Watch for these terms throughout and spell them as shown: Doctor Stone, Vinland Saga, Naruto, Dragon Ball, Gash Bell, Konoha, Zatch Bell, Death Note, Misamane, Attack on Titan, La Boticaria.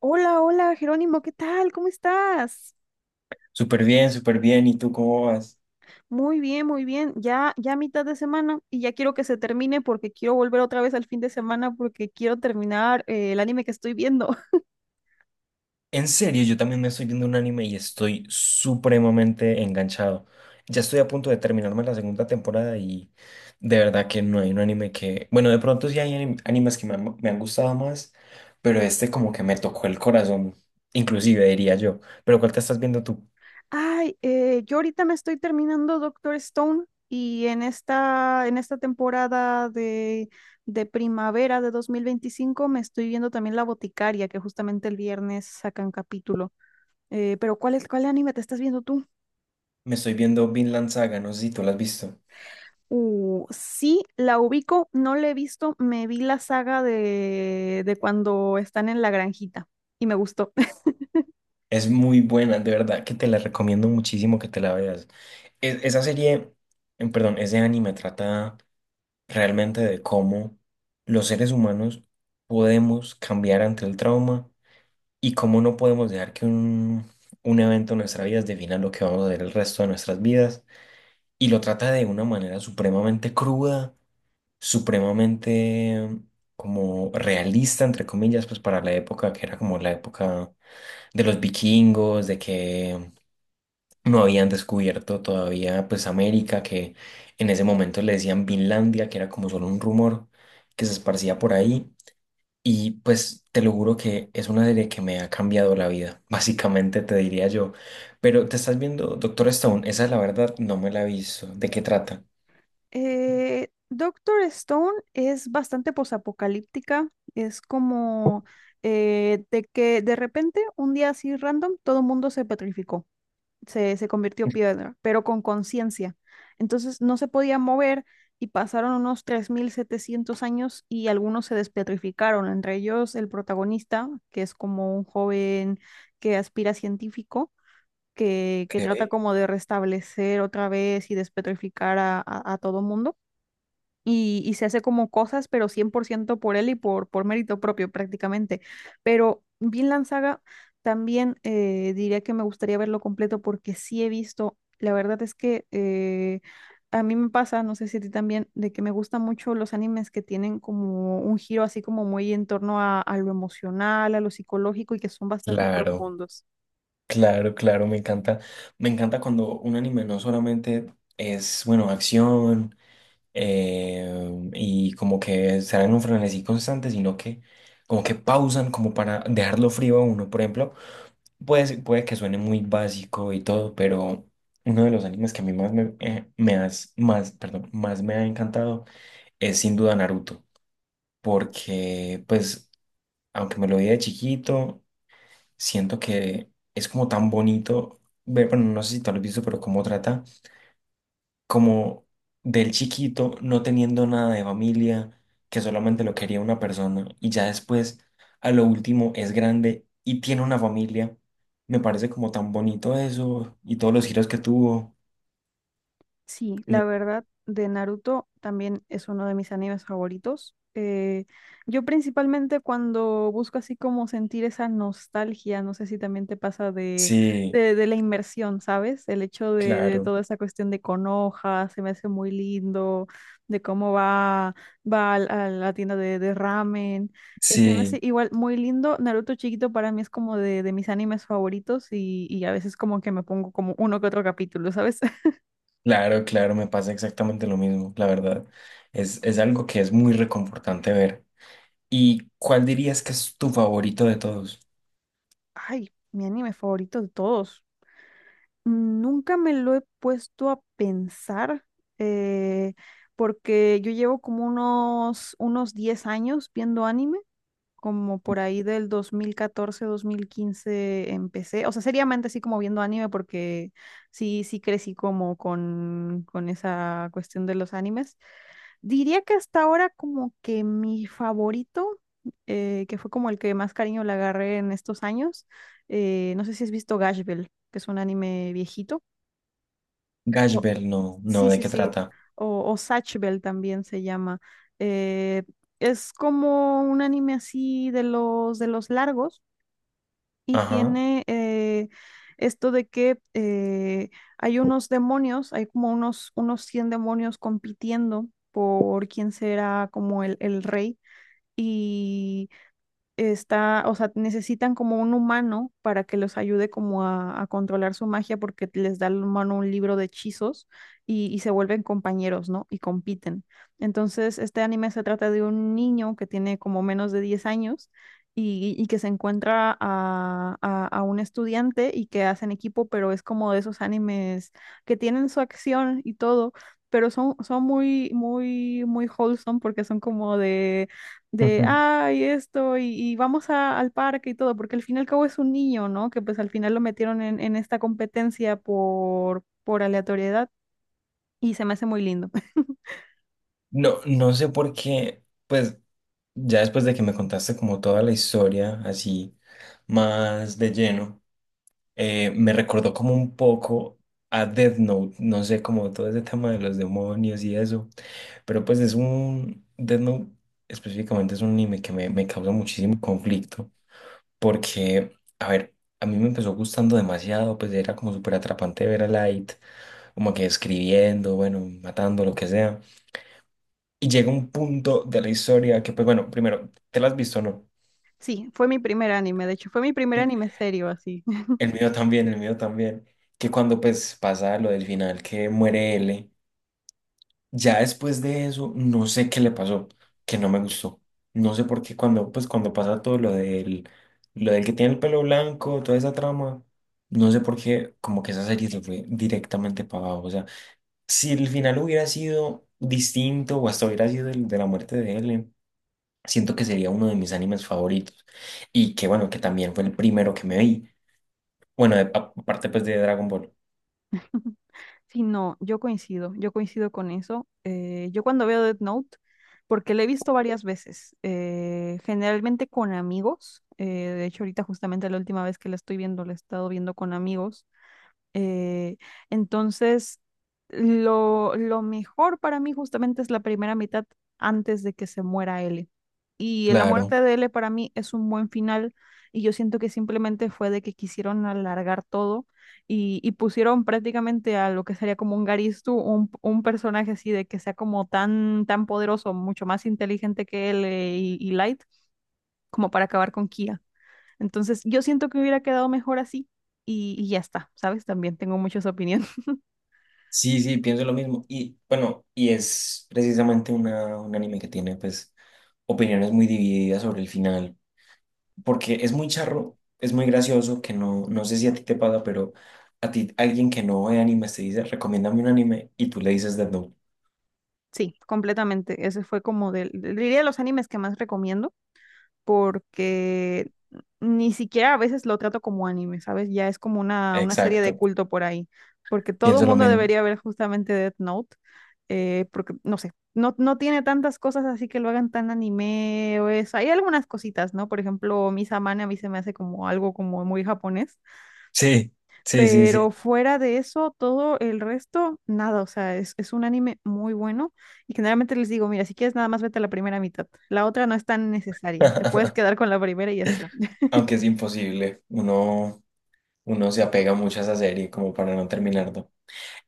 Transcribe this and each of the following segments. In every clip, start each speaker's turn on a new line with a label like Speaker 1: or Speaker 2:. Speaker 1: Hola, hola, Jerónimo, ¿qué tal? ¿Cómo estás?
Speaker 2: Súper bien, súper bien. ¿Y tú cómo vas?
Speaker 1: Muy bien, muy bien. Ya, ya mitad de semana y ya quiero que se termine porque quiero volver otra vez al fin de semana porque quiero terminar el anime que estoy viendo.
Speaker 2: En serio, yo también me estoy viendo un anime y estoy supremamente enganchado. Ya estoy a punto de terminarme la segunda temporada y de verdad que no hay un anime que... Bueno, de pronto sí hay animes que me han gustado más, pero este como que me tocó el corazón, inclusive diría yo. Pero ¿cuál te estás viendo tú?
Speaker 1: Ay, yo ahorita me estoy terminando Doctor Stone y en esta temporada de, primavera de 2025 me estoy viendo también La Boticaria, que justamente el viernes sacan capítulo. Pero cuál anime te estás viendo tú?
Speaker 2: Me estoy viendo Vinland Saga, no sé si tú la has visto.
Speaker 1: Sí, la ubico, no la he visto, me vi la saga de cuando están en la granjita y me gustó.
Speaker 2: Es muy buena, de verdad que te la recomiendo muchísimo que te la veas. Esa serie, ese anime trata realmente de cómo los seres humanos podemos cambiar ante el trauma y cómo no podemos dejar que un evento en nuestra vida defina lo que vamos a hacer el resto de nuestras vidas. Y lo trata de una manera supremamente cruda, supremamente como realista, entre comillas, pues para la época que era como la época de los vikingos, de que no habían descubierto todavía pues América, que en ese momento le decían Vinlandia, que era como solo un rumor que se esparcía por ahí. Y pues te lo juro que es una serie que me ha cambiado la vida, básicamente te diría yo. Pero te estás viendo Doctor Stone, esa la verdad no me la he visto. ¿De qué trata?
Speaker 1: Doctor Stone es bastante posapocalíptica, es como de que de repente, un día así random, todo el mundo se petrificó. Se convirtió piedra, pero con conciencia. Entonces no se podía mover y pasaron unos 3,700 años y algunos se despetrificaron, entre ellos el protagonista, que es como un joven que aspira a científico, que trata
Speaker 2: Ok.
Speaker 1: como de restablecer otra vez y despetrificar a todo mundo y se hace como cosas, pero 100% por ciento por él y por mérito propio prácticamente. Pero Vinland Saga también diría que me gustaría verlo completo porque sí he visto, la verdad es que a mí me pasa, no sé si a ti también, de que me gustan mucho los animes que tienen como un giro así como muy en torno a lo emocional, a lo psicológico y que son bastante
Speaker 2: Claro,
Speaker 1: profundos.
Speaker 2: claro, claro, me encanta. Me encanta cuando un anime no solamente es, bueno, acción. eh, y como que están en un frenesí constante, sino que como que pausan como para dejarlo frío a uno. Por ejemplo, puede que suene muy básico y todo, pero uno de los animes que a mí más me, me has- más, perdón, más me ha encantado es sin duda Naruto, porque pues aunque me lo vi de chiquito, siento que es como tan bonito ver, bueno, no sé si tú lo has visto, pero cómo trata como del chiquito no teniendo nada de familia, que solamente lo quería una persona y ya después a lo último es grande y tiene una familia. Me parece como tan bonito eso y todos los giros que tuvo.
Speaker 1: Sí,
Speaker 2: No-
Speaker 1: la verdad, de Naruto también es uno de mis animes favoritos. Yo principalmente cuando busco así como sentir esa nostalgia, no sé si también te pasa de,
Speaker 2: Sí,
Speaker 1: de, de la inmersión, ¿sabes? El hecho de
Speaker 2: claro,
Speaker 1: toda esa cuestión de Konoha, se me hace muy lindo, de cómo va, a la tienda de ramen. Se me hace
Speaker 2: sí,
Speaker 1: igual muy lindo. Naruto chiquito para mí es como de mis animes favoritos y a veces como que me pongo como uno que otro capítulo, ¿sabes?
Speaker 2: claro, claro, me pasa exactamente lo mismo, la verdad. Es algo que es muy reconfortante ver. ¿Y cuál dirías que es tu favorito de todos?
Speaker 1: Ay, mi anime favorito de todos. Nunca me lo he puesto a pensar, eh, porque yo llevo como unos 10 años viendo anime, como por ahí del 2014, 2015 empecé. O sea, seriamente sí como viendo anime, porque sí, sí crecí como con esa cuestión de los animes. Diría que hasta ahora como que mi favorito, que fue como el que más cariño le agarré en estos años, no sé si has visto Gash Bell, que es un anime viejito.
Speaker 2: Gash
Speaker 1: o-
Speaker 2: Bell, no, no,
Speaker 1: Sí,
Speaker 2: ¿de
Speaker 1: sí,
Speaker 2: qué
Speaker 1: sí.
Speaker 2: trata?
Speaker 1: O Zatch Bell también se llama. Eh, es como un anime así de los largos, y
Speaker 2: Ajá.
Speaker 1: tiene esto de que hay unos demonios, hay como unos 100 demonios compitiendo por quién será como el rey. Y está, o sea, necesitan como un humano para que los ayude como a controlar su magia porque les da al humano un libro de hechizos y se vuelven compañeros, ¿no? Y compiten. Entonces, este anime se trata de un niño que tiene como menos de 10 años y que se encuentra a un estudiante y que hacen equipo, pero es como de esos animes que tienen su acción y todo. Pero son muy, muy, muy wholesome porque son como de, ay, esto, y al parque y todo, porque al fin y al cabo es un niño, ¿no? Que pues al final lo metieron en esta competencia por aleatoriedad y se me hace muy lindo.
Speaker 2: No, no sé por qué, pues ya después de que me contaste como toda la historia, así más de lleno, me recordó como un poco a Death Note, no sé, como todo ese tema de los demonios y eso, pero pues es un, Death Note específicamente es un anime que me causa muchísimo conflicto, porque, a ver, a mí me empezó gustando demasiado, pues era como súper atrapante ver a Light, como que escribiendo, bueno, matando, lo que sea. Y llega un punto de la historia que, pues bueno, primero, ¿te la has visto o no?
Speaker 1: Sí, fue mi primer anime, de hecho, fue mi primer anime serio, así.
Speaker 2: El mío también, el mío también. Que cuando pues pasa lo del final, que muere L, ya después de eso, no sé qué le pasó, que no me gustó. No sé por qué cuando, pues cuando pasa todo lo del que tiene el pelo blanco, toda esa trama, no sé por qué, como que esa serie se fue directamente para abajo. O sea, si el final hubiera sido distinto o hasta hubiera sido el de la muerte de L. Siento que sería uno de mis animes favoritos. Y que bueno, que también fue el primero que me vi. Bueno, aparte pues de Dragon Ball.
Speaker 1: Sí, no, yo coincido con eso. Yo cuando veo Death Note, porque lo he visto varias veces, generalmente con amigos, de hecho ahorita justamente la última vez que la estoy viendo, la he estado viendo con amigos. Eh, entonces, lo mejor para mí justamente es la primera mitad antes de que se muera L. Y la
Speaker 2: Claro.
Speaker 1: muerte de L para mí es un buen final y, yo siento que simplemente fue de que quisieron alargar todo y pusieron prácticamente a lo que sería como un Garistu, un personaje así de que sea como tan, tan poderoso, mucho más inteligente que él y Light, como para acabar con Kia. Entonces, yo siento que hubiera quedado mejor así y ya está, ¿sabes? También tengo muchas opiniones.
Speaker 2: Sí, sí, pienso lo mismo. Y bueno, y es precisamente una, un anime que tiene pues opiniones muy divididas sobre el final. Porque es muy charro, es muy gracioso, que no, no sé si a ti te pasa, pero a ti alguien que no ve animes te dice, recomiéndame un anime y tú le dices Death Note.
Speaker 1: Sí, completamente. Ese fue como del, diría de los animes que más recomiendo porque ni siquiera a veces lo trato como anime, ¿sabes? Ya es como una serie de
Speaker 2: Exacto,
Speaker 1: culto por ahí, porque todo
Speaker 2: pienso lo
Speaker 1: mundo
Speaker 2: mismo.
Speaker 1: debería ver justamente Death Note, porque no sé, no, no tiene tantas cosas así que lo hagan tan anime o eso. Hay algunas cositas, ¿no? Por ejemplo, Misamane a mí se me hace como algo como muy japonés.
Speaker 2: Sí, sí, sí,
Speaker 1: Pero
Speaker 2: sí.
Speaker 1: fuera de eso, todo el resto, nada, o sea, es un anime muy bueno y generalmente les digo, mira, si quieres nada más vete a la primera mitad, la otra no es tan necesaria, te puedes quedar con la primera y ya está.
Speaker 2: Aunque es imposible, uno se apega mucho a esa serie como para no terminarlo.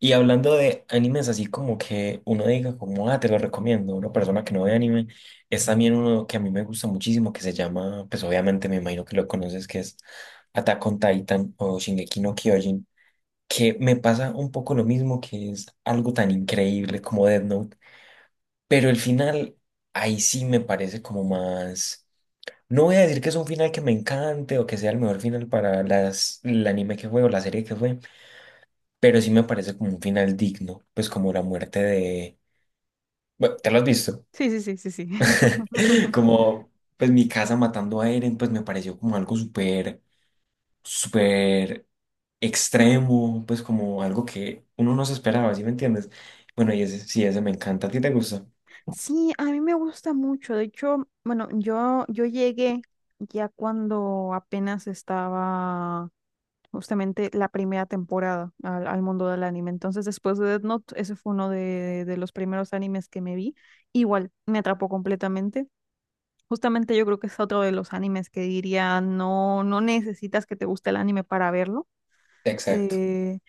Speaker 2: Y hablando de animes, así como que uno diga como, ah, te lo recomiendo, una persona que no ve anime, es también uno que a mí me gusta muchísimo, que se llama, pues obviamente me imagino que lo conoces, que es Attack on Titan o Shingeki no Kyojin, que me pasa un poco lo mismo, que es algo tan increíble como Death Note, pero el final ahí sí me parece como más... No voy a decir que es un final que me encante o que sea el mejor final para las, el anime que fue o la serie que fue, pero sí me parece como un final digno, pues como la muerte de... Bueno, te lo has visto.
Speaker 1: Sí, sí, sí, sí, sí.
Speaker 2: Como pues mi casa matando a Eren, pues me pareció como algo súper, súper extremo, pues como algo que uno no se esperaba, ¿sí me entiendes? Bueno, y ese sí, ese me encanta. ¿A ti te gusta?
Speaker 1: Sí, a mí me gusta mucho, de hecho, bueno, yo llegué ya cuando apenas estaba justamente la primera temporada al, al mundo del anime, entonces después de Death Note, ese fue uno de los primeros animes que me vi, igual, me atrapó completamente. Justamente yo creo que es otro de los animes que diría, no, no necesitas que te guste el anime para verlo.
Speaker 2: Exacto.
Speaker 1: Eh,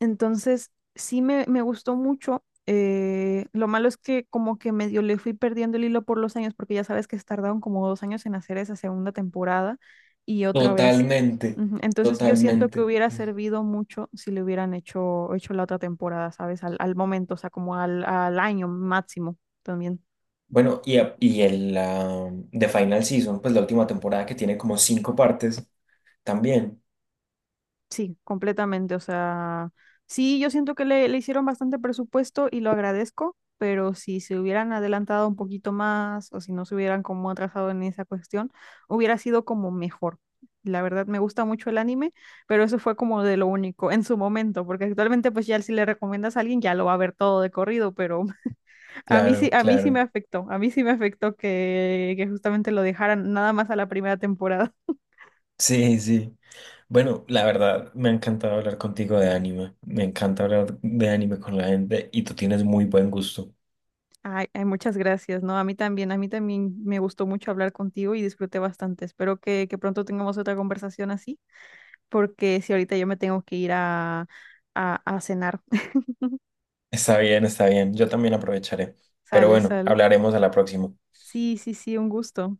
Speaker 1: entonces, sí me gustó mucho. Lo malo es que como que medio le fui perdiendo el hilo por los años, porque ya sabes que tardaron como 2 años en hacer esa segunda temporada y otra vez.
Speaker 2: Totalmente,
Speaker 1: Ujú. Entonces, yo siento que
Speaker 2: totalmente.
Speaker 1: hubiera servido mucho si le hubieran hecho la otra temporada, ¿sabes? Al momento, o sea, como al año máximo también.
Speaker 2: Bueno, y el The Final Season, pues la última temporada que tiene como cinco partes también.
Speaker 1: Sí, completamente. O sea, sí, yo siento que le hicieron bastante presupuesto y lo agradezco, pero si se hubieran adelantado un poquito más o si no se hubieran como atrasado en esa cuestión, hubiera sido como mejor. La verdad, me gusta mucho el anime, pero eso fue como de lo único en su momento, porque actualmente pues ya si le recomiendas a alguien ya lo va a ver todo de corrido, pero
Speaker 2: Claro,
Speaker 1: a mí sí me
Speaker 2: claro.
Speaker 1: afectó, a mí sí me afectó que justamente lo dejaran nada más a la primera temporada.
Speaker 2: Sí, sí. Bueno, la verdad, me ha encantado hablar contigo de anime. Me encanta hablar de anime con la gente y tú tienes muy buen gusto.
Speaker 1: Ay, ay, muchas gracias, ¿no? A mí también me gustó mucho hablar contigo y disfruté bastante. Espero que pronto tengamos otra conversación así, porque si ahorita yo me tengo que ir a, a cenar.
Speaker 2: Está bien, está bien. Yo también aprovecharé. Pero
Speaker 1: Sale,
Speaker 2: bueno,
Speaker 1: sale.
Speaker 2: hablaremos a la próxima.
Speaker 1: Sí, sí, sí, un gusto.